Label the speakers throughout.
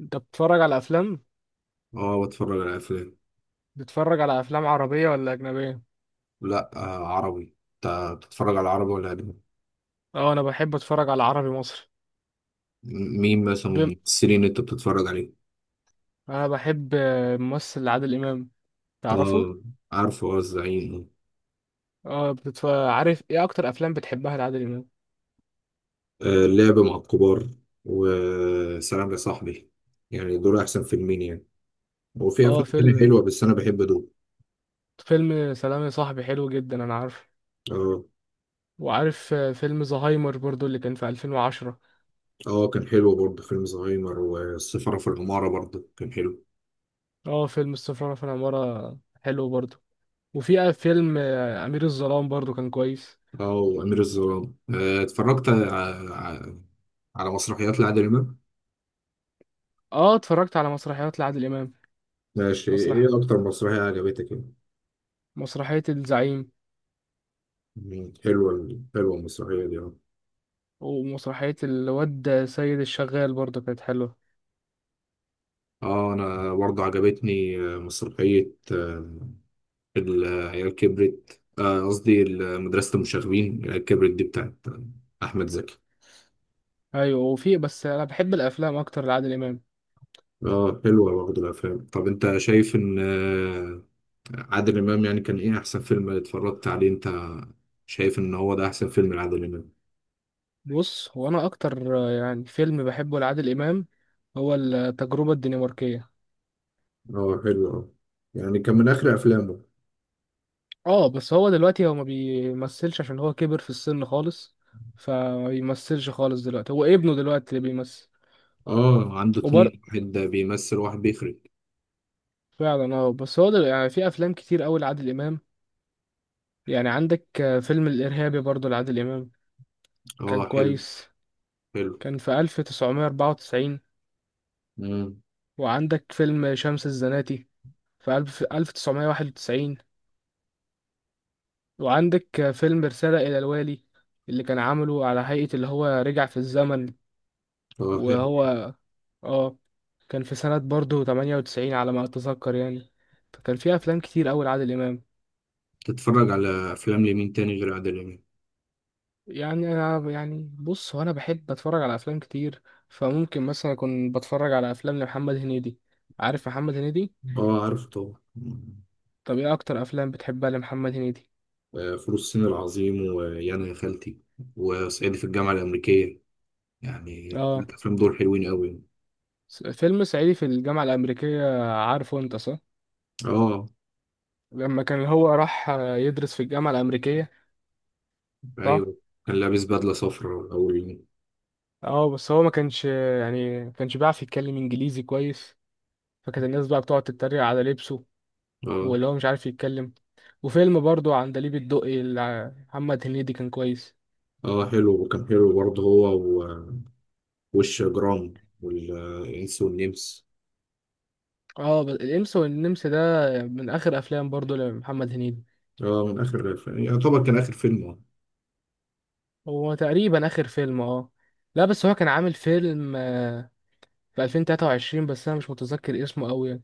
Speaker 1: انت بتتفرج على افلام؟
Speaker 2: اه، بتفرج على افلام.
Speaker 1: بتتفرج على افلام عربيه ولا اجنبيه؟
Speaker 2: لا، عربي. انت بتتفرج على عربي ولا اجنبي؟
Speaker 1: اه، انا بحب اتفرج على عربي مصري.
Speaker 2: مين مثلا من
Speaker 1: بم...
Speaker 2: الممثلين اللي انت بتتفرج عليه؟
Speaker 1: انا بحب الممثل عادل امام. تعرفه؟
Speaker 2: اه، عارفه، اه، الزعيم.
Speaker 1: اه، عارف ايه اكتر افلام بتحبها لعادل امام؟
Speaker 2: آه، اللعب مع الكبار. وسلام يا صاحبي. يعني دول احسن فيلمين يعني. وفي
Speaker 1: اه،
Speaker 2: افلام تانية
Speaker 1: فيلم
Speaker 2: حلوه، بس انا بحب دول.
Speaker 1: فيلم سلام يا صاحبي حلو جدا، انا عارف.
Speaker 2: اه،
Speaker 1: وعارف فيلم زهايمر برضو اللي كان في 2010.
Speaker 2: اه، كان حلو برضه فيلم زهايمر، والسفارة في العمارة برضه كان حلو.
Speaker 1: اه، فيلم السفارة في العمارة حلو برضو. وفي فيلم امير الظلام برضو كان كويس.
Speaker 2: اه، وامير الظلام. اتفرجت على مسرحيات لعادل امام.
Speaker 1: اه، اتفرجت على مسرحيات لعادل امام.
Speaker 2: ماشي،
Speaker 1: مسرح
Speaker 2: ايه اكتر مسرحية عجبتك يعني؟
Speaker 1: مسرحية الزعيم.
Speaker 2: مم. حلوة المسرحية دي، اه.
Speaker 1: ومسرحية الواد سيد الشغال برضه كانت حلوة.
Speaker 2: اه، انا برضه عجبتني مسرحية العيال كبرت، قصدي مدرسة المشاغبين. العيال كبرت دي بتاعت أحمد زكي.
Speaker 1: أيوة، وفي بس أنا بحب الأفلام أكتر لعادل إمام.
Speaker 2: اه، حلوة برضه الأفلام. طب أنت شايف إن عادل إمام يعني كان إيه أحسن فيلم اتفرجت عليه؟ أنت شايف إن هو ده أحسن فيلم لعادل إمام؟
Speaker 1: بص، هو أنا أكتر يعني فيلم بحبه لعادل إمام هو التجربة الدنماركية.
Speaker 2: اه، حلو، اه. يعني كان من آخر أفلامه.
Speaker 1: اه بس هو دلوقتي هو ما بيمثلش عشان هو كبر في السن خالص. فما بيمثلش خالص دلوقتي، هو ابنه دلوقتي اللي بيمثل.
Speaker 2: اه، عنده
Speaker 1: وبر
Speaker 2: اتنين، واحد بيمثل واحد بيخرج.
Speaker 1: فعلا. اه بس هو يعني في أفلام كتير أوي لعادل إمام. يعني عندك فيلم الإرهابي برضه لعادل إمام،
Speaker 2: اه،
Speaker 1: كان
Speaker 2: حلو.
Speaker 1: كويس.
Speaker 2: حلو.
Speaker 1: كان في 1994.
Speaker 2: مم.
Speaker 1: وعندك فيلم شمس الزناتي في 1991. وعندك فيلم رسالة إلى الوالي اللي كان عامله على هيئة اللي هو رجع في الزمن.
Speaker 2: اه، حلو.
Speaker 1: وهو، اه، كان في سنة برضه 98 على ما أتذكر يعني. فكان في أفلام كتير أوي لعادل إمام.
Speaker 2: تتفرج على أفلام لمين تاني غير عادل إمام؟
Speaker 1: يعني أنا، يعني بص هو أنا بحب أتفرج على أفلام كتير. فممكن مثلا أكون بتفرج على أفلام لمحمد هنيدي. عارف محمد هنيدي؟
Speaker 2: آه، عارف طبعا.
Speaker 1: طب إيه أكتر أفلام بتحبها لمحمد هنيدي؟
Speaker 2: آه، فول الصين العظيم، ويانا يا خالتي، وصعيدي في الجامعة الأمريكية. يعني
Speaker 1: اه،
Speaker 2: الأفلام دول حلوين أوي.
Speaker 1: فيلم صعيدي في الجامعة الأمريكية، عارفه أنت، صح؟
Speaker 2: آه.
Speaker 1: لما كان هو راح يدرس في الجامعة الأمريكية. صح؟
Speaker 2: أيوه. كان لابس بدلة صفراء أول يوم.
Speaker 1: اه بس هو ما كانش، يعني ما كانش بيعرف يتكلم إنجليزي كويس. فكانت الناس بقى بتقعد تتريق على لبسه.
Speaker 2: آه.
Speaker 1: واللي هو مش عارف يتكلم. وفيلم برضو عندليب الدقي اللي محمد هنيدي كان كويس.
Speaker 2: آه، حلو. وكان حلو برضه هو وش جرام، والإنس والنمس.
Speaker 1: اه بس الإنس والنمس ده من آخر أفلام برضو لمحمد هنيدي.
Speaker 2: آه، من آخر يعتبر كان آخر فيلم.
Speaker 1: هو تقريبا آخر فيلم، اه. لا بس هو كان عامل فيلم في 2023، بس انا مش متذكر اسمه قوي يعني.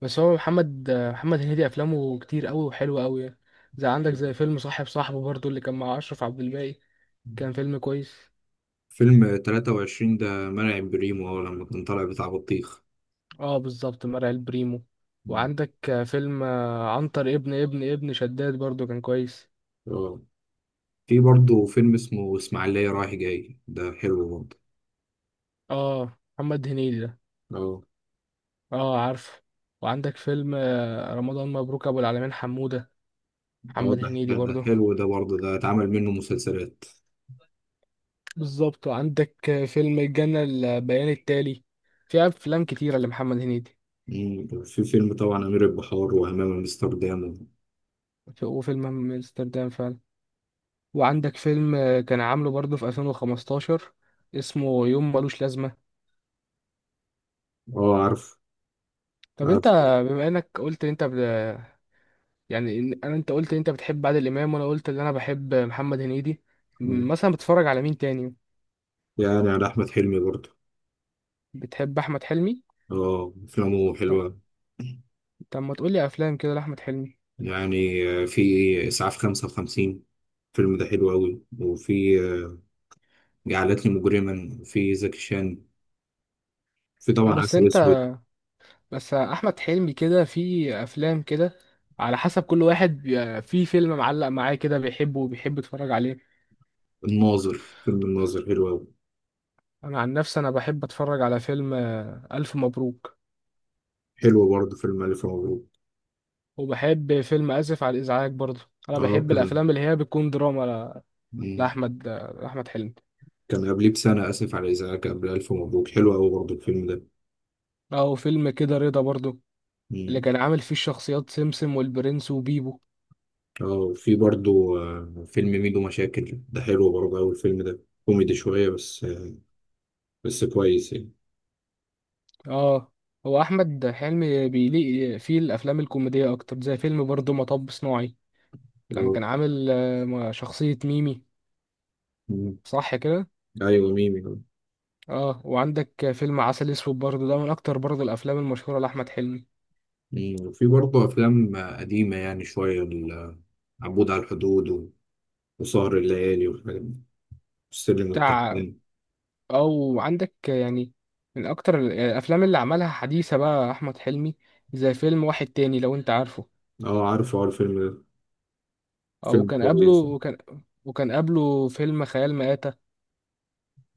Speaker 1: بس هو محمد هنيدي افلامه كتير قوي وحلوه قوي يعني.
Speaker 2: آه
Speaker 1: زي فيلم صاحب صاحبه برضو اللي كان مع اشرف عبد الباقي. كان فيلم كويس.
Speaker 2: فيلم 23 ده منع بريمو، لما كان طالع بتاع بطيخ.
Speaker 1: اه، بالظبط، مرعي البريمو.
Speaker 2: مم.
Speaker 1: وعندك فيلم عنتر ابن شداد برضو كان كويس.
Speaker 2: اه، في برضه فيلم اسمه إسماعيلية رايح جاي، ده حلو برضه.
Speaker 1: اه، محمد هنيدي ده.
Speaker 2: اه،
Speaker 1: اه، عارف. وعندك فيلم رمضان مبروك ابو العالمين حمودة،
Speaker 2: اه،
Speaker 1: محمد
Speaker 2: ده
Speaker 1: هنيدي
Speaker 2: ده ده
Speaker 1: برضو.
Speaker 2: حلو، ده برضه ده اتعمل منه مسلسلات.
Speaker 1: بالظبط. وعندك فيلم الجنة البيان التالي. في أفلام كتيرة لمحمد هنيدي.
Speaker 2: مم، في فيلم طبعا أمير البحار وأمام أمستردام.
Speaker 1: وفيلم همام في أمستردام فعلا. وعندك فيلم كان عامله برضه في 2015، اسمه يوم ملوش لازمة.
Speaker 2: اه، عارف.
Speaker 1: طب أنت،
Speaker 2: عارف.
Speaker 1: بما إنك قلت إن أنت يعني إن أنت قلت إن أنت بتحب عادل إمام وأنا قلت إن أنا بحب محمد هنيدي،
Speaker 2: مم.
Speaker 1: مثلا بتتفرج على مين تاني؟
Speaker 2: يعني على أحمد حلمي برضه.
Speaker 1: بتحب أحمد حلمي؟
Speaker 2: اه، أفلامه
Speaker 1: طب،
Speaker 2: حلوة.
Speaker 1: ما تقولي أفلام كده لأحمد حلمي.
Speaker 2: يعني في إسعاف 55. الفيلم ده حلو أوي. وفي جعلتني مجرما في زكي شان. في
Speaker 1: أه،
Speaker 2: طبعا
Speaker 1: بس
Speaker 2: عسل
Speaker 1: أنت،
Speaker 2: أسود.
Speaker 1: بس احمد حلمي كده في افلام كده، على حسب كل واحد في فيلم معلق معاه كده، بيحبه وبيحب يتفرج عليه.
Speaker 2: الناظر. فيلم الناظر حلو أوي.
Speaker 1: انا عن نفسي، انا بحب اتفرج على فيلم الف مبروك.
Speaker 2: حلو برضه فيلم ألف مبروك.
Speaker 1: وبحب فيلم اسف على الازعاج برضه. انا
Speaker 2: اه،
Speaker 1: بحب
Speaker 2: كان.
Speaker 1: الافلام اللي هي بتكون دراما
Speaker 2: مم.
Speaker 1: لاحمد حلمي.
Speaker 2: كان قبليه بسنة آسف على الإزعاج قبل ألف مبروك، حلو أوي برضه الفيلم ده.
Speaker 1: او فيلم كده، رضا برضه، اللي
Speaker 2: مم.
Speaker 1: كان عامل فيه الشخصيات سمسم والبرنس وبيبو.
Speaker 2: اه، وفي برضه فيلم ميدو مشاكل، ده حلو برضه أوي الفيلم ده، كوميدي شوية، بس كويس يعني.
Speaker 1: اه، هو احمد حلمي بيليق فيه الافلام الكوميديه اكتر، زي فيلم برضه مطب صناعي، لما
Speaker 2: اه.
Speaker 1: كان عامل شخصية ميمي.
Speaker 2: مم.
Speaker 1: صح كده؟
Speaker 2: أيوة، ميمي، آه.
Speaker 1: اه، وعندك فيلم عسل اسود برضه، ده من اكتر برضه الافلام المشهورة لأحمد حلمي.
Speaker 2: مم. وفي برضه أفلام قديمة يعني شوية، عبود على الحدود، وسهر الليالي والحاجات دي، والسلم
Speaker 1: بتاع
Speaker 2: والتلوين.
Speaker 1: او عندك يعني، من اكتر يعني الافلام اللي عملها حديثة بقى احمد حلمي، زي فيلم واحد تاني، لو انت عارفه.
Speaker 2: اه، عارفه، اه الفيلم ده
Speaker 1: اه،
Speaker 2: فيلم
Speaker 1: وكان قبله
Speaker 2: كويس.
Speaker 1: وكان وكان قبله فيلم خيال مآتة.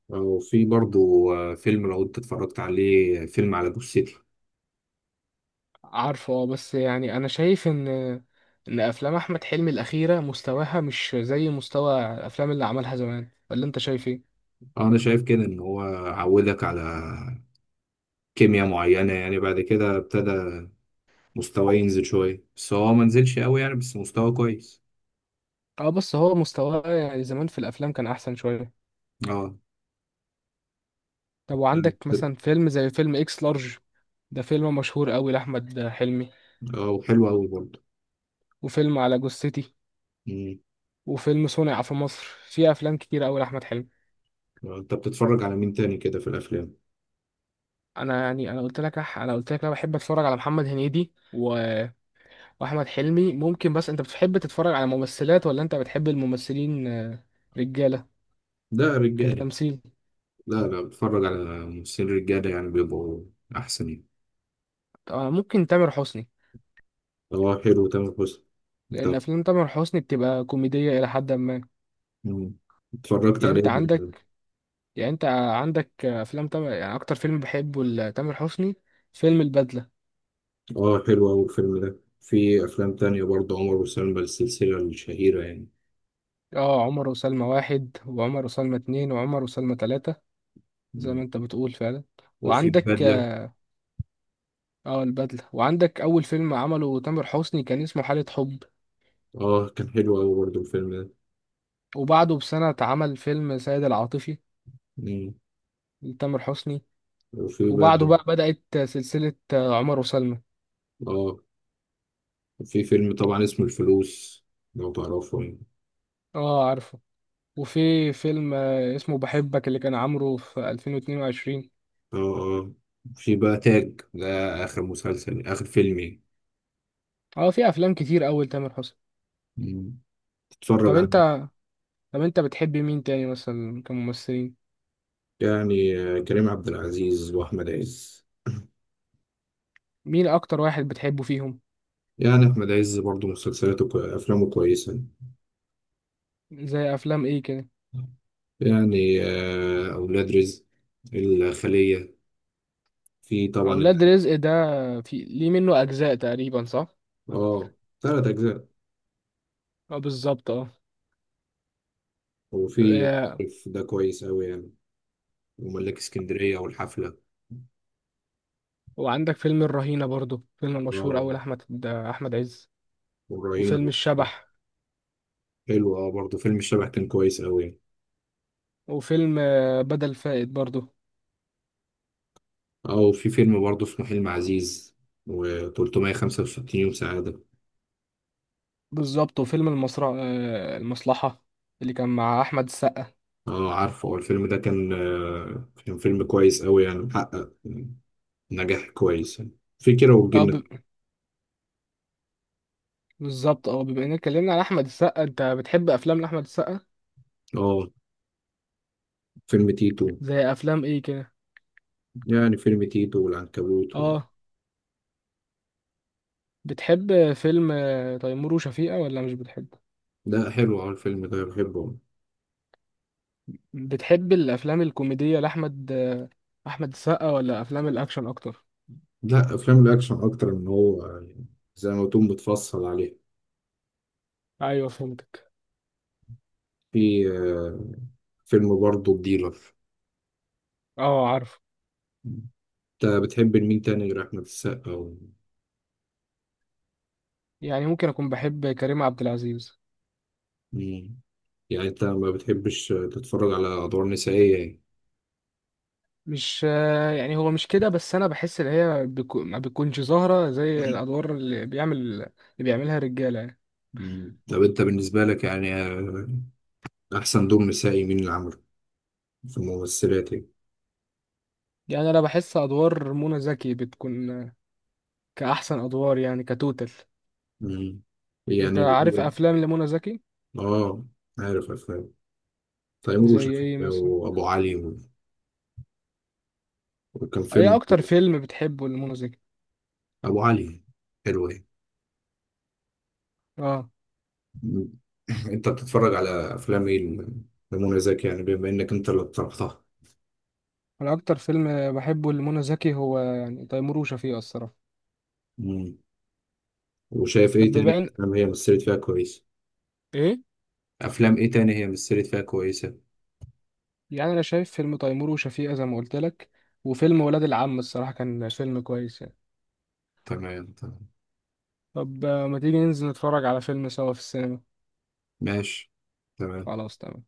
Speaker 2: وفي برضو فيلم، لو انت اتفرجت عليه، فيلم على جثتي.
Speaker 1: عارفه. اه بس يعني انا شايف ان افلام احمد حلمي الاخيرة مستواها مش زي مستوى الافلام اللي عملها زمان، ولا انت شايف ايه؟
Speaker 2: انا شايف كده ان هو عودك على كيمياء معينة يعني، بعد كده ابتدى مستواه ينزل شوية، بس هو ما نزلش قوي يعني، بس مستواه كويس.
Speaker 1: اه بس هو مستواه يعني زمان في الافلام كان احسن شويه.
Speaker 2: اه.
Speaker 1: طب، وعندك مثلا فيلم زي فيلم اكس لارج. ده فيلم مشهور قوي لاحمد حلمي.
Speaker 2: اه، وحلو قوي برضه.
Speaker 1: وفيلم على جثتي.
Speaker 2: مم.
Speaker 1: وفيلم صنع في مصر. في افلام كتير قوي لاحمد حلمي.
Speaker 2: انت بتتفرج على مين تاني كده في الافلام؟
Speaker 1: انا يعني، انا قلت لك، انا قلت لك انا بحب اتفرج على محمد هنيدي واحمد حلمي ممكن. بس انت بتحب تتفرج على ممثلات ولا انت بتحب الممثلين رجاله،
Speaker 2: ده رجالي.
Speaker 1: كتمثيل؟
Speaker 2: لا، لا، بتفرج على ممثلين رجالة يعني، بيبقوا احسن يعني.
Speaker 1: طب، أنا ممكن تامر حسني.
Speaker 2: هو حلو تامر حسني.
Speaker 1: لان
Speaker 2: طب.
Speaker 1: افلام تامر حسني بتبقى كوميديه الى حد ما.
Speaker 2: مم. اتفرجت
Speaker 1: يعني
Speaker 2: عليه.
Speaker 1: انت عندك يعني انت عندك افلام تامر، يعني اكتر فيلم بحبه لتامر حسني فيلم البدلة.
Speaker 2: اه، حلو أوي الفيلم ده. في أفلام تانية برضه عمر وسلمى، السلسلة الشهيرة يعني.
Speaker 1: اه، عمر وسلمى واحد، وعمر وسلمى اتنين، وعمر وسلمى تلاتة، زي ما
Speaker 2: مم.
Speaker 1: انت بتقول فعلا.
Speaker 2: وفي
Speaker 1: وعندك،
Speaker 2: بدلة.
Speaker 1: اه، البدلة. وعندك اول فيلم عمله تامر حسني كان اسمه حالة حب.
Speaker 2: اه، كان حلو أوي برضه الفيلم ده.
Speaker 1: وبعده بسنة اتعمل فيلم سيد العاطفي
Speaker 2: مم.
Speaker 1: لتامر حسني.
Speaker 2: وفي
Speaker 1: وبعده
Speaker 2: بقى.
Speaker 1: بقى بدأت سلسلة عمر وسلمى.
Speaker 2: اه، في فيلم طبعا اسمه الفلوس، لو تعرفه يعني.
Speaker 1: اه، عارفه. وفي فيلم اسمه بحبك اللي كان عامله في 2022.
Speaker 2: اه، اه. في بقى تاج ده، آخر مسلسل، آخر فيلم يعني.
Speaker 1: اه، في افلام كتير اول تامر حسني.
Speaker 2: مم. تتفرج
Speaker 1: طب
Speaker 2: عليه.
Speaker 1: انت طب انت بتحب مين تاني مثلا كممثلين؟
Speaker 2: يعني كريم عبد العزيز وأحمد عز.
Speaker 1: مين اكتر واحد بتحبه فيهم؟
Speaker 2: يعني أحمد عز برضه أفلامه كويسة.
Speaker 1: زي افلام ايه كده؟
Speaker 2: يعني أولاد رزق، الخلية، في طبعا
Speaker 1: اولاد
Speaker 2: الحاجة.
Speaker 1: رزق ده، في ليه منه اجزاء تقريبا، صح؟
Speaker 2: اه، ثلاث أجزاء.
Speaker 1: اه، بالظبط، اه.
Speaker 2: وفي.
Speaker 1: اه،
Speaker 2: ده كويس أوي يعني. وملاك اسكندرية والحفلة.
Speaker 1: وعندك فيلم الرهينة برضو، فيلم مشهور
Speaker 2: اه،
Speaker 1: اوي، احمد عز.
Speaker 2: والرهينة
Speaker 1: وفيلم
Speaker 2: برضه.
Speaker 1: الشبح.
Speaker 2: حلو، اه، برضه فيلم الشبح كان كويس أوي يعني.
Speaker 1: وفيلم بدل فائد برضو.
Speaker 2: اه. وفي فيلم برضه اسمه حلم عزيز و365 يوم سعادة.
Speaker 1: بالظبط. وفيلم المصرع اه، المصلحة اللي كان مع احمد السقا.
Speaker 2: اه، عارفه. هو الفيلم ده كان فيلم كويس أوي يعني، محقق نجاح كويس يعني. في كيرة
Speaker 1: اه،
Speaker 2: والجن.
Speaker 1: بالظبط. اه، بما اننا اتكلمنا عن احمد السقا، انت بتحب افلام احمد السقا؟
Speaker 2: اه، فيلم تيتو.
Speaker 1: زي افلام ايه كده؟
Speaker 2: يعني فيلم تيتو والعنكبوت. و...
Speaker 1: اه، بتحب فيلم تيمور وشفيقة ولا مش بتحبه؟
Speaker 2: لا، حلو أوي الفيلم ده، بحبه.
Speaker 1: بتحب الافلام الكوميدية لاحمد آه، احمد السقا ولا افلام الاكشن اكتر؟
Speaker 2: لا، أفلام الأكشن أكتر، من هو يعني زي ما تكون بتفصل عليه.
Speaker 1: ايوه، فهمتك.
Speaker 2: في فيلم برضه الديلر.
Speaker 1: اه، عارف.
Speaker 2: أنت بتحب مين تاني غير أحمد السقا؟ و...
Speaker 1: يعني ممكن اكون بحب كريم عبد العزيز.
Speaker 2: مم. يعني أنت ما بتحبش تتفرج على أدوار نسائية يعني؟
Speaker 1: مش يعني هو مش كده، بس انا بحس ان هي ما بتكونش ظاهرة زي الادوار اللي بيعملها الرجالة يعني.
Speaker 2: مم. طب أنت بالنسبة لك يعني أحسن دور نسائي مين اللي عمله في الممثلات يعني؟
Speaker 1: يعني انا بحس ادوار منى زكي بتكون كاحسن ادوار يعني، كتوتال.
Speaker 2: مم.
Speaker 1: انت
Speaker 2: يعني.
Speaker 1: عارف افلام لمنى زكي؟
Speaker 2: آه، عارف أفلام تيمور
Speaker 1: زي
Speaker 2: وشفيق
Speaker 1: ايه مثلا؟
Speaker 2: وابو علي. و... وكان
Speaker 1: ايه
Speaker 2: فيلم.
Speaker 1: اكتر فيلم بتحبه لمنى زكي؟
Speaker 2: ابو علي. حلو، ايه.
Speaker 1: اه،
Speaker 2: م- انت بتتفرج على افلام ايه لمنى زكي يعني، بما انك انت اللي اقترحتها؟
Speaker 1: انا اكتر فيلم بحبه لمنى زكي هو يعني تيمور وشفيقة، الصراحه.
Speaker 2: مم. وشايف
Speaker 1: طب،
Speaker 2: ايه
Speaker 1: بما
Speaker 2: تاني
Speaker 1: ان
Speaker 2: افلام هي مثلت فيها كويس؟
Speaker 1: ايه.
Speaker 2: افلام ايه تاني هي مثلت فيها كويسة؟
Speaker 1: يعني انا شايف فيلم تيمور وشفيقة زي ما قلت لك، وفيلم ولاد العم، الصراحه كان فيلم كويس يعني.
Speaker 2: تمام، تمام.
Speaker 1: طب، ما تيجي ننزل نتفرج على فيلم سوا في السينما؟
Speaker 2: ماشي. تمام.
Speaker 1: خلاص، تمام.